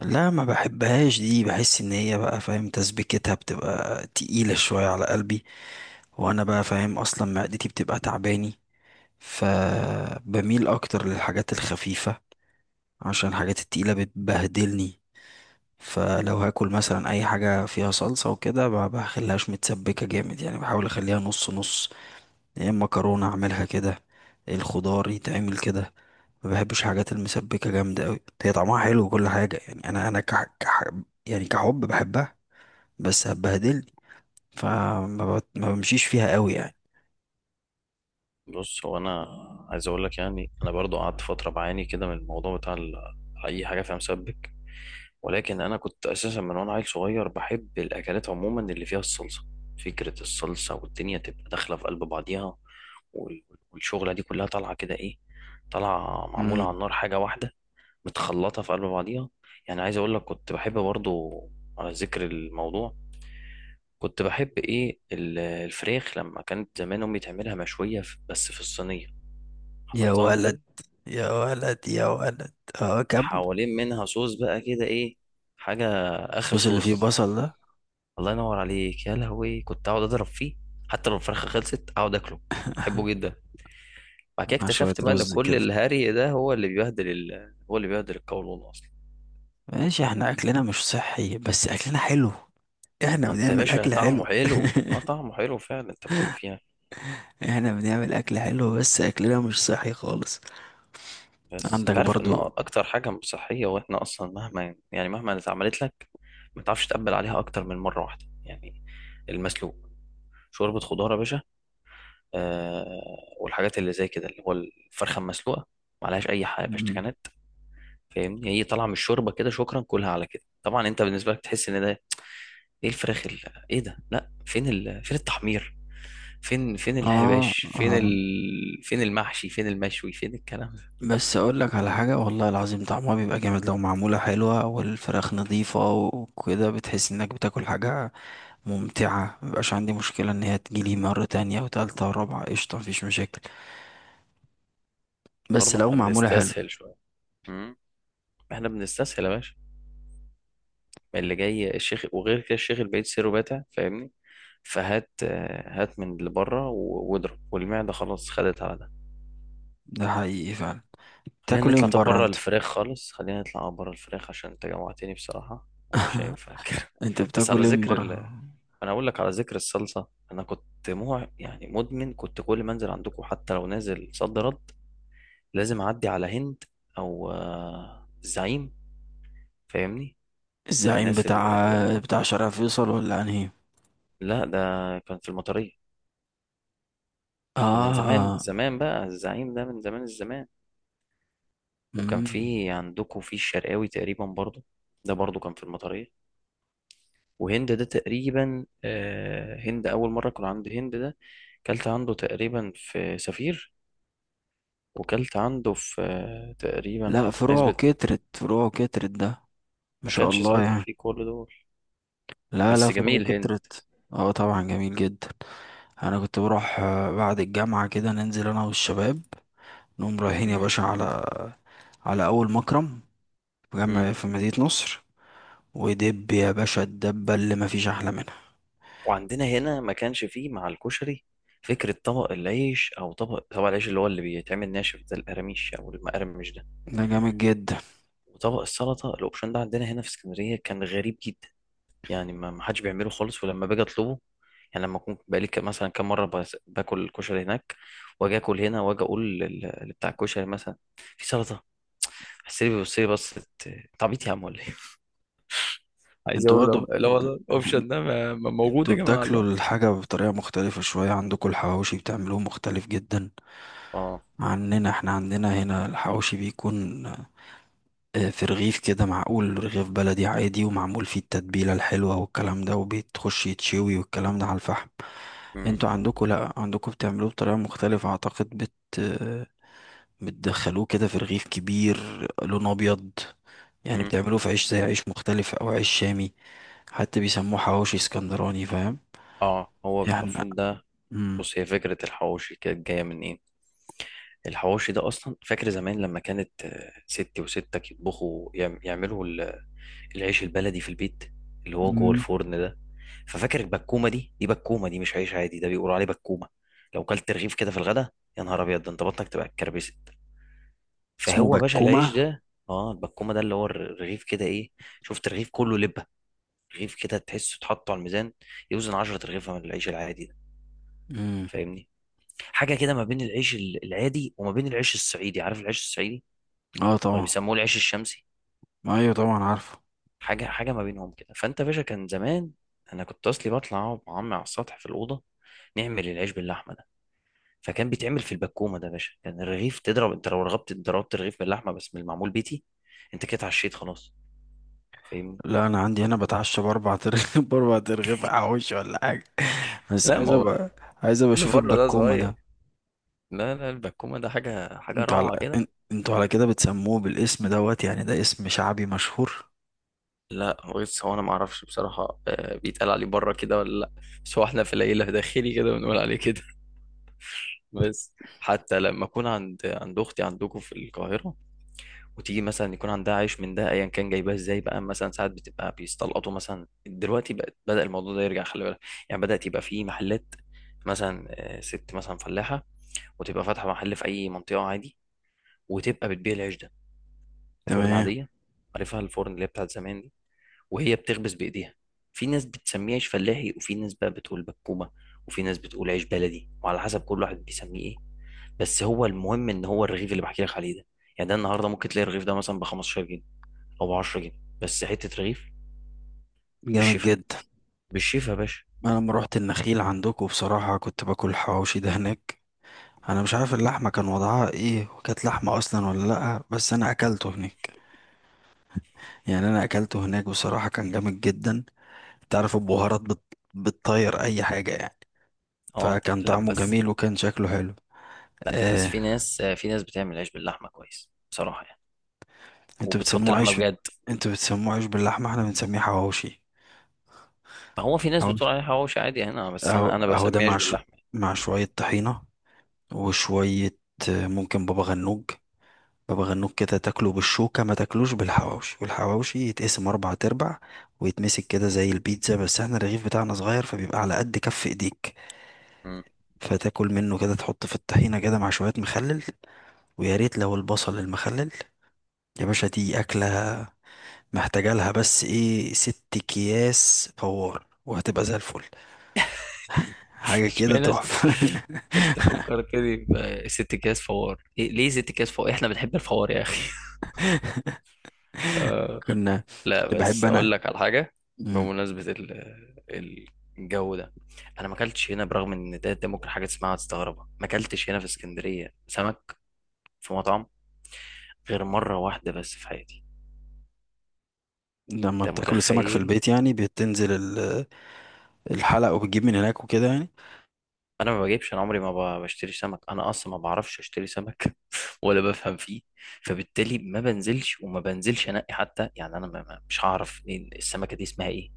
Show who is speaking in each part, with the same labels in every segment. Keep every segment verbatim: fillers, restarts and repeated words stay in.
Speaker 1: لا، ما بحبهاش دي. بحس ان هي، بقى، فاهم؟ تسبيكتها بتبقى تقيلة شوية على قلبي. وانا، بقى، فاهم اصلا معدتي بتبقى تعباني. فبميل اكتر للحاجات الخفيفة عشان الحاجات التقيلة بتبهدلني. فلو هاكل مثلا اي حاجة فيها صلصة وكده، ما بخليهاش متسبكة جامد، يعني بحاول اخليها نص نص. يا اما مكرونه اعملها كده، إيه الخضار يتعمل كده. ما بحبش حاجات المسبكه جامده قوي، هي طعمها حلو وكل حاجه، يعني انا انا كح... كح... يعني كحب بحبها، بس هتبهدلني. فما بت... ما بمشيش فيها قوي يعني.
Speaker 2: بص، هو انا عايز اقول لك، يعني انا برضو قعدت فتره بعاني كده من الموضوع بتاع ال- اي حاجه فيها مسبك. ولكن انا كنت اساسا من وانا عيل صغير بحب الاكلات عموما اللي فيها الصلصه. فكره الصلصه والدنيا تبقى داخله في قلب بعضيها، وال- والشغله دي كلها طالعه كده ايه، طالعه معموله
Speaker 1: امم
Speaker 2: على النار حاجه واحده، متخلطه في قلب بعضيها. يعني عايز اقول لك كنت بحب برضو، على ذكر الموضوع، كنت بحب ايه ال- الفراخ لما كانت زمان امي تعملها مشويه في- بس في الصينيه.
Speaker 1: يا
Speaker 2: حضرتها انت
Speaker 1: ولد،
Speaker 2: دي؟
Speaker 1: يا ولد يا ولد. اه، كمل.
Speaker 2: حوالين منها صوص بقى كده ايه، حاجة، اخر
Speaker 1: الصوص اللي فيه
Speaker 2: صوص.
Speaker 1: بصل ده،
Speaker 2: الله ينور عليك يا لهوي، كنت اقعد اضرب فيه، حتى لو الفرخة خلصت اقعد اكله، بحبه جدا. بعد كده
Speaker 1: مع شويه
Speaker 2: اكتشفت بقى ان
Speaker 1: رز
Speaker 2: كل
Speaker 1: كده.
Speaker 2: الهري ده هو اللي بيبهدل ال... هو اللي بيبهدل القولون اصلا.
Speaker 1: ماشي، احنا اكلنا مش صحي بس اكلنا حلو، احنا
Speaker 2: ما انت يا
Speaker 1: بنعمل
Speaker 2: باشا
Speaker 1: اكل
Speaker 2: طعمه
Speaker 1: حلو.
Speaker 2: حلو، اه، طعمه حلو فعلا انت بتقول فيها.
Speaker 1: احنا بنعمل اكل حلو بس اكلنا مش صحي خالص.
Speaker 2: بس
Speaker 1: عندك
Speaker 2: انت عارف ان
Speaker 1: برضو.
Speaker 2: اكتر حاجة مش صحية، واحنا اصلا مهما يعني مهما اتعملت لك ما تعرفش تقبل عليها اكتر من مرة واحدة يعني. المسلوق، شوربة خضار يا باشا، آه والحاجات اللي زي كده اللي هو الفرخه المسلوقه، معلهاش اي حاجه
Speaker 1: مم.
Speaker 2: بشتكانات. فاهمني، هي طالعه من الشوربه كده، شكرا، كلها على كده. طبعا انت بالنسبه لك تحس ان ده ايه الفراخ ال- ايه ده، لا، فين ال... فين التحمير، فين فين الحباش،
Speaker 1: اه،
Speaker 2: فين
Speaker 1: اه.
Speaker 2: ال... فين المحشي، فين المشوي، فين الكلام ده.
Speaker 1: بس اقول لك على حاجه، والله العظيم طعمها بيبقى جامد لو معموله حلوه والفراخ نظيفه وكده، بتحس انك بتاكل حاجه ممتعه. مبقاش عندي مشكله ان هي تجيلي مره تانية وتالتة ورابعه، قشطه، مفيش مشاكل، بس
Speaker 2: برضه
Speaker 1: لو
Speaker 2: احنا
Speaker 1: معموله حلو.
Speaker 2: بنستسهل شويه. مم. احنا بنستسهل يا باشا. ما اللي جاي الشيخ، وغير كده الشيخ البعيد سيره باتع، فاهمني. فهات، آه، هات من اللي بره و- واضرب، والمعده خلاص خدت على ده.
Speaker 1: ده حقيقي فعلا.
Speaker 2: خلينا
Speaker 1: تاكل ايه
Speaker 2: نطلع،
Speaker 1: من
Speaker 2: طب
Speaker 1: بره
Speaker 2: بره
Speaker 1: انت؟
Speaker 2: الفراخ خالص، خلينا نطلع بره الفراخ عشان انت جوعتني بصراحة ومش هينفع كده.
Speaker 1: انت
Speaker 2: بس على
Speaker 1: بتاكل ايه من
Speaker 2: ذكر ال...
Speaker 1: بره؟
Speaker 2: انا اقول لك، على ذكر الصلصة، انا كنت مو يعني مدمن، كنت كل ما انزل عندكم حتى لو نازل صد رد، لازم اعدي على هند، او آه، الزعيم، فاهمني.
Speaker 1: الزعيم
Speaker 2: الناس اللي من
Speaker 1: بتاع
Speaker 2: بره،
Speaker 1: بتاع شارع فيصل ولا انهي؟
Speaker 2: لا، ده كان في المطرية. ده من زمان من
Speaker 1: اه.
Speaker 2: زمان بقى، الزعيم ده من زمان الزمان. وكان
Speaker 1: مم.
Speaker 2: في عندكم في الشرقاوي تقريبا برضو، ده برضو كان في المطرية. وهند ده تقريبا، آه، هند أول مرة كنا عند هند ده، كلت عنده تقريبا في سفير، وكلت عنده في آه، تقريبا
Speaker 1: لا، فروعه
Speaker 2: عزبة.
Speaker 1: كترت فروعه كترت ده، ما
Speaker 2: ما
Speaker 1: شاء
Speaker 2: كانش
Speaker 1: الله
Speaker 2: ساعتها
Speaker 1: يعني.
Speaker 2: فيه كل دول.
Speaker 1: لا لا،
Speaker 2: بس
Speaker 1: فروع
Speaker 2: جميل هند.
Speaker 1: كترت. اه طبعا، جميل جدا. انا كنت بروح آه، بعد الجامعة كده ننزل انا والشباب، نقوم رايحين يا
Speaker 2: مم.
Speaker 1: باشا على على اول مكرم، في
Speaker 2: مم.
Speaker 1: جامع في مدينة نصر. ودب يا باشا، الدبة اللي مفيش احلى منها،
Speaker 2: وعندنا هنا ما كانش فيه مع الكشري فكرة طبق العيش، أو طبق طبق العيش اللي هو اللي بيتعمل ناشف ده، القراميش أو المقرمش ده،
Speaker 1: ده جامد جدا.
Speaker 2: وطبق السلطة الأوبشن ده، عندنا هنا في اسكندرية كان غريب جدا. يعني ما ما حدش بيعمله خالص، ولما باجي اطلبه، يعني لما اكون بقالي ك- مثلا كام مره، بس- باكل الكشري هناك، واجي اكل هنا واجي اقول لل- لبتاع الكشري مثلا في سلطه، حسيت بيبص لي بص، انت عبيط يا عم ولا ايه. عايز
Speaker 1: انتوا
Speaker 2: اقول له
Speaker 1: برضه،
Speaker 2: لا
Speaker 1: انتوا
Speaker 2: والله الاوبشن ده ما- ما موجود
Speaker 1: انتوا
Speaker 2: يا جماعه
Speaker 1: بتاكلوا
Speaker 2: الله.
Speaker 1: الحاجة بطريقة مختلفة شوية، عندكم الحواوشي بتعملوه مختلف جدا
Speaker 2: اه.
Speaker 1: عننا. احنا عندنا هنا الحواوشي بيكون آه، في رغيف كده، معقول، رغيف بلدي عادي ومعمول فيه التتبيلة الحلوة والكلام ده، وبيتخش يتشوي والكلام ده على الفحم.
Speaker 2: مم،
Speaker 1: انتوا عندكوا، لا، عندكوا بتعملوه بطريقة مختلفة، اعتقد بت آه، بتدخلوه كده في رغيف كبير، لونه ابيض، يعني
Speaker 2: مم.
Speaker 1: بتعملوه في عيش زي عيش مختلف او عيش شامي. حتى بيسموه حواوشي اسكندراني، فاهم؟
Speaker 2: اه، هو
Speaker 1: يعني.
Speaker 2: المفروض ده.
Speaker 1: مم.
Speaker 2: بص، هي فكره الحواوشي كانت جايه من ايه. الحواوشي ده اصلا، فاكر زمان لما كانت آه، ستي وستك يطبخوا يعم- يعملوا العيش البلدي في البيت، اللي هو جوه
Speaker 1: مم.
Speaker 2: الفرن ده. ففاكر البكومه دي، دي بكومه، دي مش عيش عادي، ده بيقولوا عليه بكومه. لو كلت رغيف كده في الغدا، يا نهار ابيض، ده انت بطنك تبقى اتكربست.
Speaker 1: اسمه
Speaker 2: فهو باشا العيش
Speaker 1: بكومة؟
Speaker 2: ده، اه، البكومه ده اللي هو الرغيف كده ايه، شفت رغيف كله لبه، رغيف كده تحسه اتحط على الميزان، يوزن عشرة رغيفه من العيش العادي ده.
Speaker 1: مم.
Speaker 2: فاهمني، حاجه كده ما بين العيش ال- العادي، وما بين العيش الصعيدي، عارف العيش الصعيدي،
Speaker 1: اه
Speaker 2: ولا
Speaker 1: طبعا.
Speaker 2: بيسموه العيش الشمسي،
Speaker 1: ايوه طبعا عارفه.
Speaker 2: حاجه حاجه ما بينهم كده. فانت يا باشا كان زمان، انا كنت اصلي بطلع اقعد مع عمي على السطح في الاوضه، نعمل العيش باللحمه ده. فكان بيتعمل في البكومه ده يا باشا، كان الرغيف تضرب انت لو رغبت، ضربت الرغيف باللحمه بس من المعمول بيتي، انت كده اتعشيت خلاص، فاهمني.
Speaker 1: لا، انا عندي هنا بتعشى باربع ترغيف. باربع ترغيف حواوشي ولا حاجه. بس
Speaker 2: لا،
Speaker 1: عايز
Speaker 2: ما هو
Speaker 1: ابقى عايز ابقى
Speaker 2: اللي
Speaker 1: اشوف
Speaker 2: بره ده
Speaker 1: البكومه
Speaker 2: صغير.
Speaker 1: ده.
Speaker 2: لا لا، البكومه ده حاجه حاجه
Speaker 1: انتوا على
Speaker 2: روعه كده.
Speaker 1: ان- انتوا على كده بتسموه بالاسم دوت، يعني ده اسم شعبي مشهور؟
Speaker 2: لا، بص هو انا ما اعرفش بصراحه آه، بيتقال عليه بره كده ولا لا، بس هو احنا في العيله داخلي كده بنقول عليه كده. بس حتى لما اكون عند عند اختي عندكم في القاهره، وتيجي مثلا يكون عندها عيش من ده ايا كان جايباه ازاي بقى، مثلا ساعات بتبقى بيستلقطوا، مثلا دلوقتي بقى بدأ الموضوع ده يرجع، خلي بالك، يعني بدأت يبقى في محلات، مثلا آه، ست مثلا فلاحة، وتبقى فاتحة محل في أي منطقة عادي، وتبقى بتبيع العيش ده، فرن
Speaker 1: تمام.
Speaker 2: عادية، عارفها الفرن اللي هي بتاعت زمان دي، وهي بتخبز بإيديها. في ناس بتسميه عيش فلاحي، وفي ناس بقى بتقول بكومة، وفي ناس بتقول عيش بلدي، وعلى حسب كل واحد بيسميه ايه. بس هو المهم ان هو الرغيف اللي بحكي لك عليه ده، يعني ده النهارده ممكن تلاقي الرغيف ده مثلا ب خمستاشر او ب عشر جنيه، بس حته رغيف.
Speaker 1: جامد
Speaker 2: بالشفا،
Speaker 1: جدا.
Speaker 2: بالشفا يا باشا.
Speaker 1: انا لما روحت النخيل عندكم بصراحه، كنت باكل حواوشي ده هناك. انا مش عارف اللحمه كان وضعها ايه، وكانت لحمه اصلا ولا لا، بس انا اكلته هناك، يعني انا اكلته هناك بصراحه كان جامد جدا. تعرف البهارات بت... بتطير اي حاجه يعني،
Speaker 2: اه،
Speaker 1: فكان
Speaker 2: لا
Speaker 1: طعمه
Speaker 2: بس،
Speaker 1: جميل وكان شكله حلو.
Speaker 2: لا بس،
Speaker 1: آه،
Speaker 2: في ناس في ناس بتعمل عيش باللحمه كويس بصراحه يعني،
Speaker 1: انتوا
Speaker 2: وبتحط
Speaker 1: بتسموه
Speaker 2: لحمه
Speaker 1: عيش،
Speaker 2: بجد.
Speaker 1: انتوا بتسموه عيش باللحمة، احنا بنسميه حواوشي.
Speaker 2: ما هو في ناس
Speaker 1: حواوشي.
Speaker 2: بتقول عليه حواوشي عادي هنا، بس
Speaker 1: اهو
Speaker 2: انا انا
Speaker 1: اهو ده،
Speaker 2: بسميه عيش
Speaker 1: مع ش...
Speaker 2: باللحمه.
Speaker 1: مع شوية طحينة وشوية آه، ممكن بابا غنوج. بابا غنوج كده تاكله بالشوكة، ما تاكلوش بالحواوشي، والحواوشي يتقسم أربع تربع ويتمسك كده زي البيتزا، بس احنا الرغيف بتاعنا صغير فبيبقى على قد كف ايديك.
Speaker 2: مم.
Speaker 1: فتاكل منه كده، تحط في الطحينة كده مع شوية مخلل، ويا ريت لو البصل المخلل. يا باشا، دي أكلة محتاجة لها بس ايه، ست اكياس فوار وهتبقى زي الفل. حاجة
Speaker 2: مش
Speaker 1: كده
Speaker 2: بلاش،
Speaker 1: تحفة.
Speaker 2: انت فكرتني بست اكياس فوار، إيه ليه ست اكياس فوار، احنا بنحب الفوار يا اخي.
Speaker 1: كنا
Speaker 2: لا
Speaker 1: كنت بحب
Speaker 2: بس،
Speaker 1: انا.
Speaker 2: اقول لك على حاجه،
Speaker 1: مم.
Speaker 2: بمناسبه ال- الجو ده، انا ما اكلتش هنا، برغم ان ده, ده ممكن حاجه تسمعها وتستغربها، ما اكلتش هنا في اسكندريه سمك في مطعم غير مره واحده بس في حياتي.
Speaker 1: لما
Speaker 2: انت
Speaker 1: بتاكل السمك في
Speaker 2: متخيل؟
Speaker 1: البيت، يعني بتنزل ال- الحلق وبتجيب من هناك وكده يعني.
Speaker 2: انا ما بجيبش، انا عمري ما ب- بشتري سمك، انا اصلا ما بعرفش اشتري سمك. ولا بفهم فيه، فبالتالي ما بنزلش وما بنزلش انقي حتى، يعني انا ما ما- مش هعرف إيه السمكه دي اسمها ايه،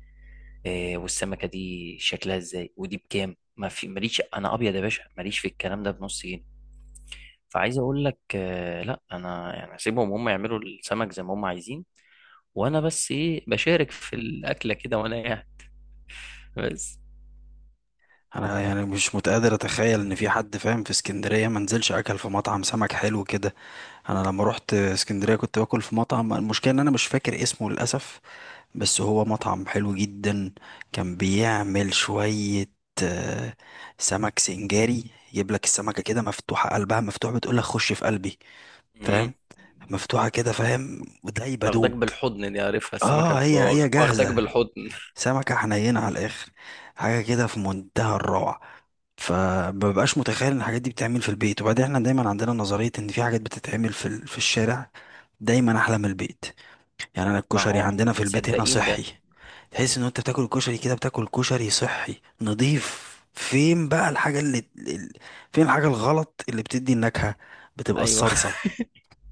Speaker 2: آه، والسمكه دي شكلها ازاي، ودي بكام، ما في، ماليش انا ابيض يا باشا، ماليش في الكلام ده بنص جنيه. فعايز اقول لك آه، لا، انا يعني اسيبهم هم يعملوا السمك زي ما هم عايزين، وانا بس ايه بشارك في الاكله كده وانا قاعد بس.
Speaker 1: انا يعني مش متقدر اتخيل ان في حد فاهم في اسكندرية ما نزلش اكل في مطعم سمك حلو كده. انا لما رحت اسكندرية، كنت باكل في مطعم، المشكلة ان انا مش فاكر اسمه للاسف، بس هو مطعم حلو جدا. كان بيعمل شوية آه، سمك سنجاري، يجيب لك السمكة كده مفتوحة، قلبها مفتوح، بتقول لك خش في قلبي،
Speaker 2: مم.
Speaker 1: فاهم؟ مفتوحة كده فاهم، ودايبة
Speaker 2: واخداك
Speaker 1: دوب.
Speaker 2: بالحضن دي، عارفها السمكه
Speaker 1: اه،
Speaker 2: بتبقى
Speaker 1: هي
Speaker 2: واخ-
Speaker 1: هي
Speaker 2: واخداك
Speaker 1: جاهزة.
Speaker 2: بالحضن.
Speaker 1: سمكة حنينة على الآخر، حاجة كده في منتهى الروعة. فمببقاش متخيل ان الحاجات دي بتتعمل في البيت. وبعدين احنا دايما عندنا نظرية ان في حاجات بتتعمل في ال- في الشارع دايما احلى من البيت. يعني انا
Speaker 2: ما
Speaker 1: الكشري
Speaker 2: هو
Speaker 1: عندنا
Speaker 2: احنا
Speaker 1: في البيت هنا
Speaker 2: مصدقين
Speaker 1: صحي،
Speaker 2: ده.
Speaker 1: تحس ان انت بتاكل الكشري كده، بتاكل كشري صحي نظيف. فين بقى الحاجة اللي ال- فين الحاجة الغلط اللي بتدي النكهة؟ بتبقى
Speaker 2: ايوه،
Speaker 1: الصلصة.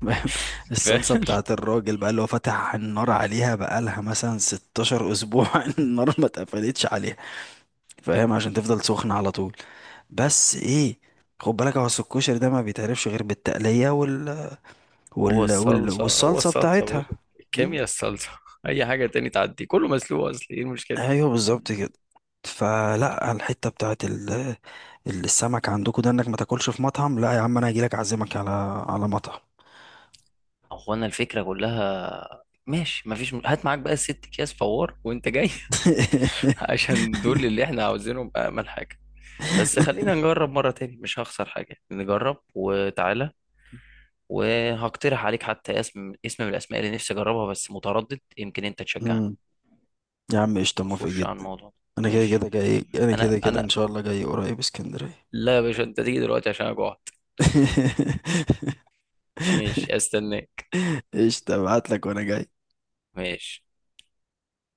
Speaker 1: الصلصة
Speaker 2: فعلا،
Speaker 1: بتاعت الراجل بقى اللي هو فتح النار عليها بقالها مثلا 16 أسبوع. النار ما اتقفلتش عليها فاهم، عشان تفضل سخنة على طول. بس ايه، خد بالك هو أصل الكشري ده ما بيتعرفش غير بالتقلية وال...
Speaker 2: هو
Speaker 1: وال... وال...
Speaker 2: الصلصه، هو
Speaker 1: والصلصة
Speaker 2: الصلصه يا
Speaker 1: بتاعتها.
Speaker 2: باشا،
Speaker 1: مم؟
Speaker 2: الكيمياء الصلصه. اي حاجه تاني تعدي، كله مسلوق اصلي، ايه المشكله؟
Speaker 1: ايوه بالظبط كده. فلا، الحته بتاعت ال- السمك عندكم ده انك ما تاكلش في مطعم، لا يا عم، انا هجيلك اعزمك على على مطعم.
Speaker 2: هو انا الفكره كلها ماشي، مفيش م... هات معاك بقى الست اكياس فوار وانت جاي. عشان دول اللي احنا عاوزينهم، امل حاجه. بس خلينا نجرب مره تاني، مش هخسر حاجه، نجرب، وتعالى. وهقترح عليك حتى اسم اسم من الاسماء اللي نفسي اجربها، بس متردد، يمكن انت تشجعني.
Speaker 1: مم. يا عم قشطه، موافق
Speaker 2: ونخش على
Speaker 1: جدا.
Speaker 2: الموضوع ده.
Speaker 1: انا كده
Speaker 2: ماشي.
Speaker 1: كده جاي، انا
Speaker 2: انا
Speaker 1: كده كده
Speaker 2: انا
Speaker 1: ان شاء الله جاي قريب اسكندريه.
Speaker 2: لا يا باشا، انت تيجي دلوقتي عشان انا جوعت. ماشي، استناك.
Speaker 1: قشطه، ابعت لك وانا جاي.
Speaker 2: ماشي.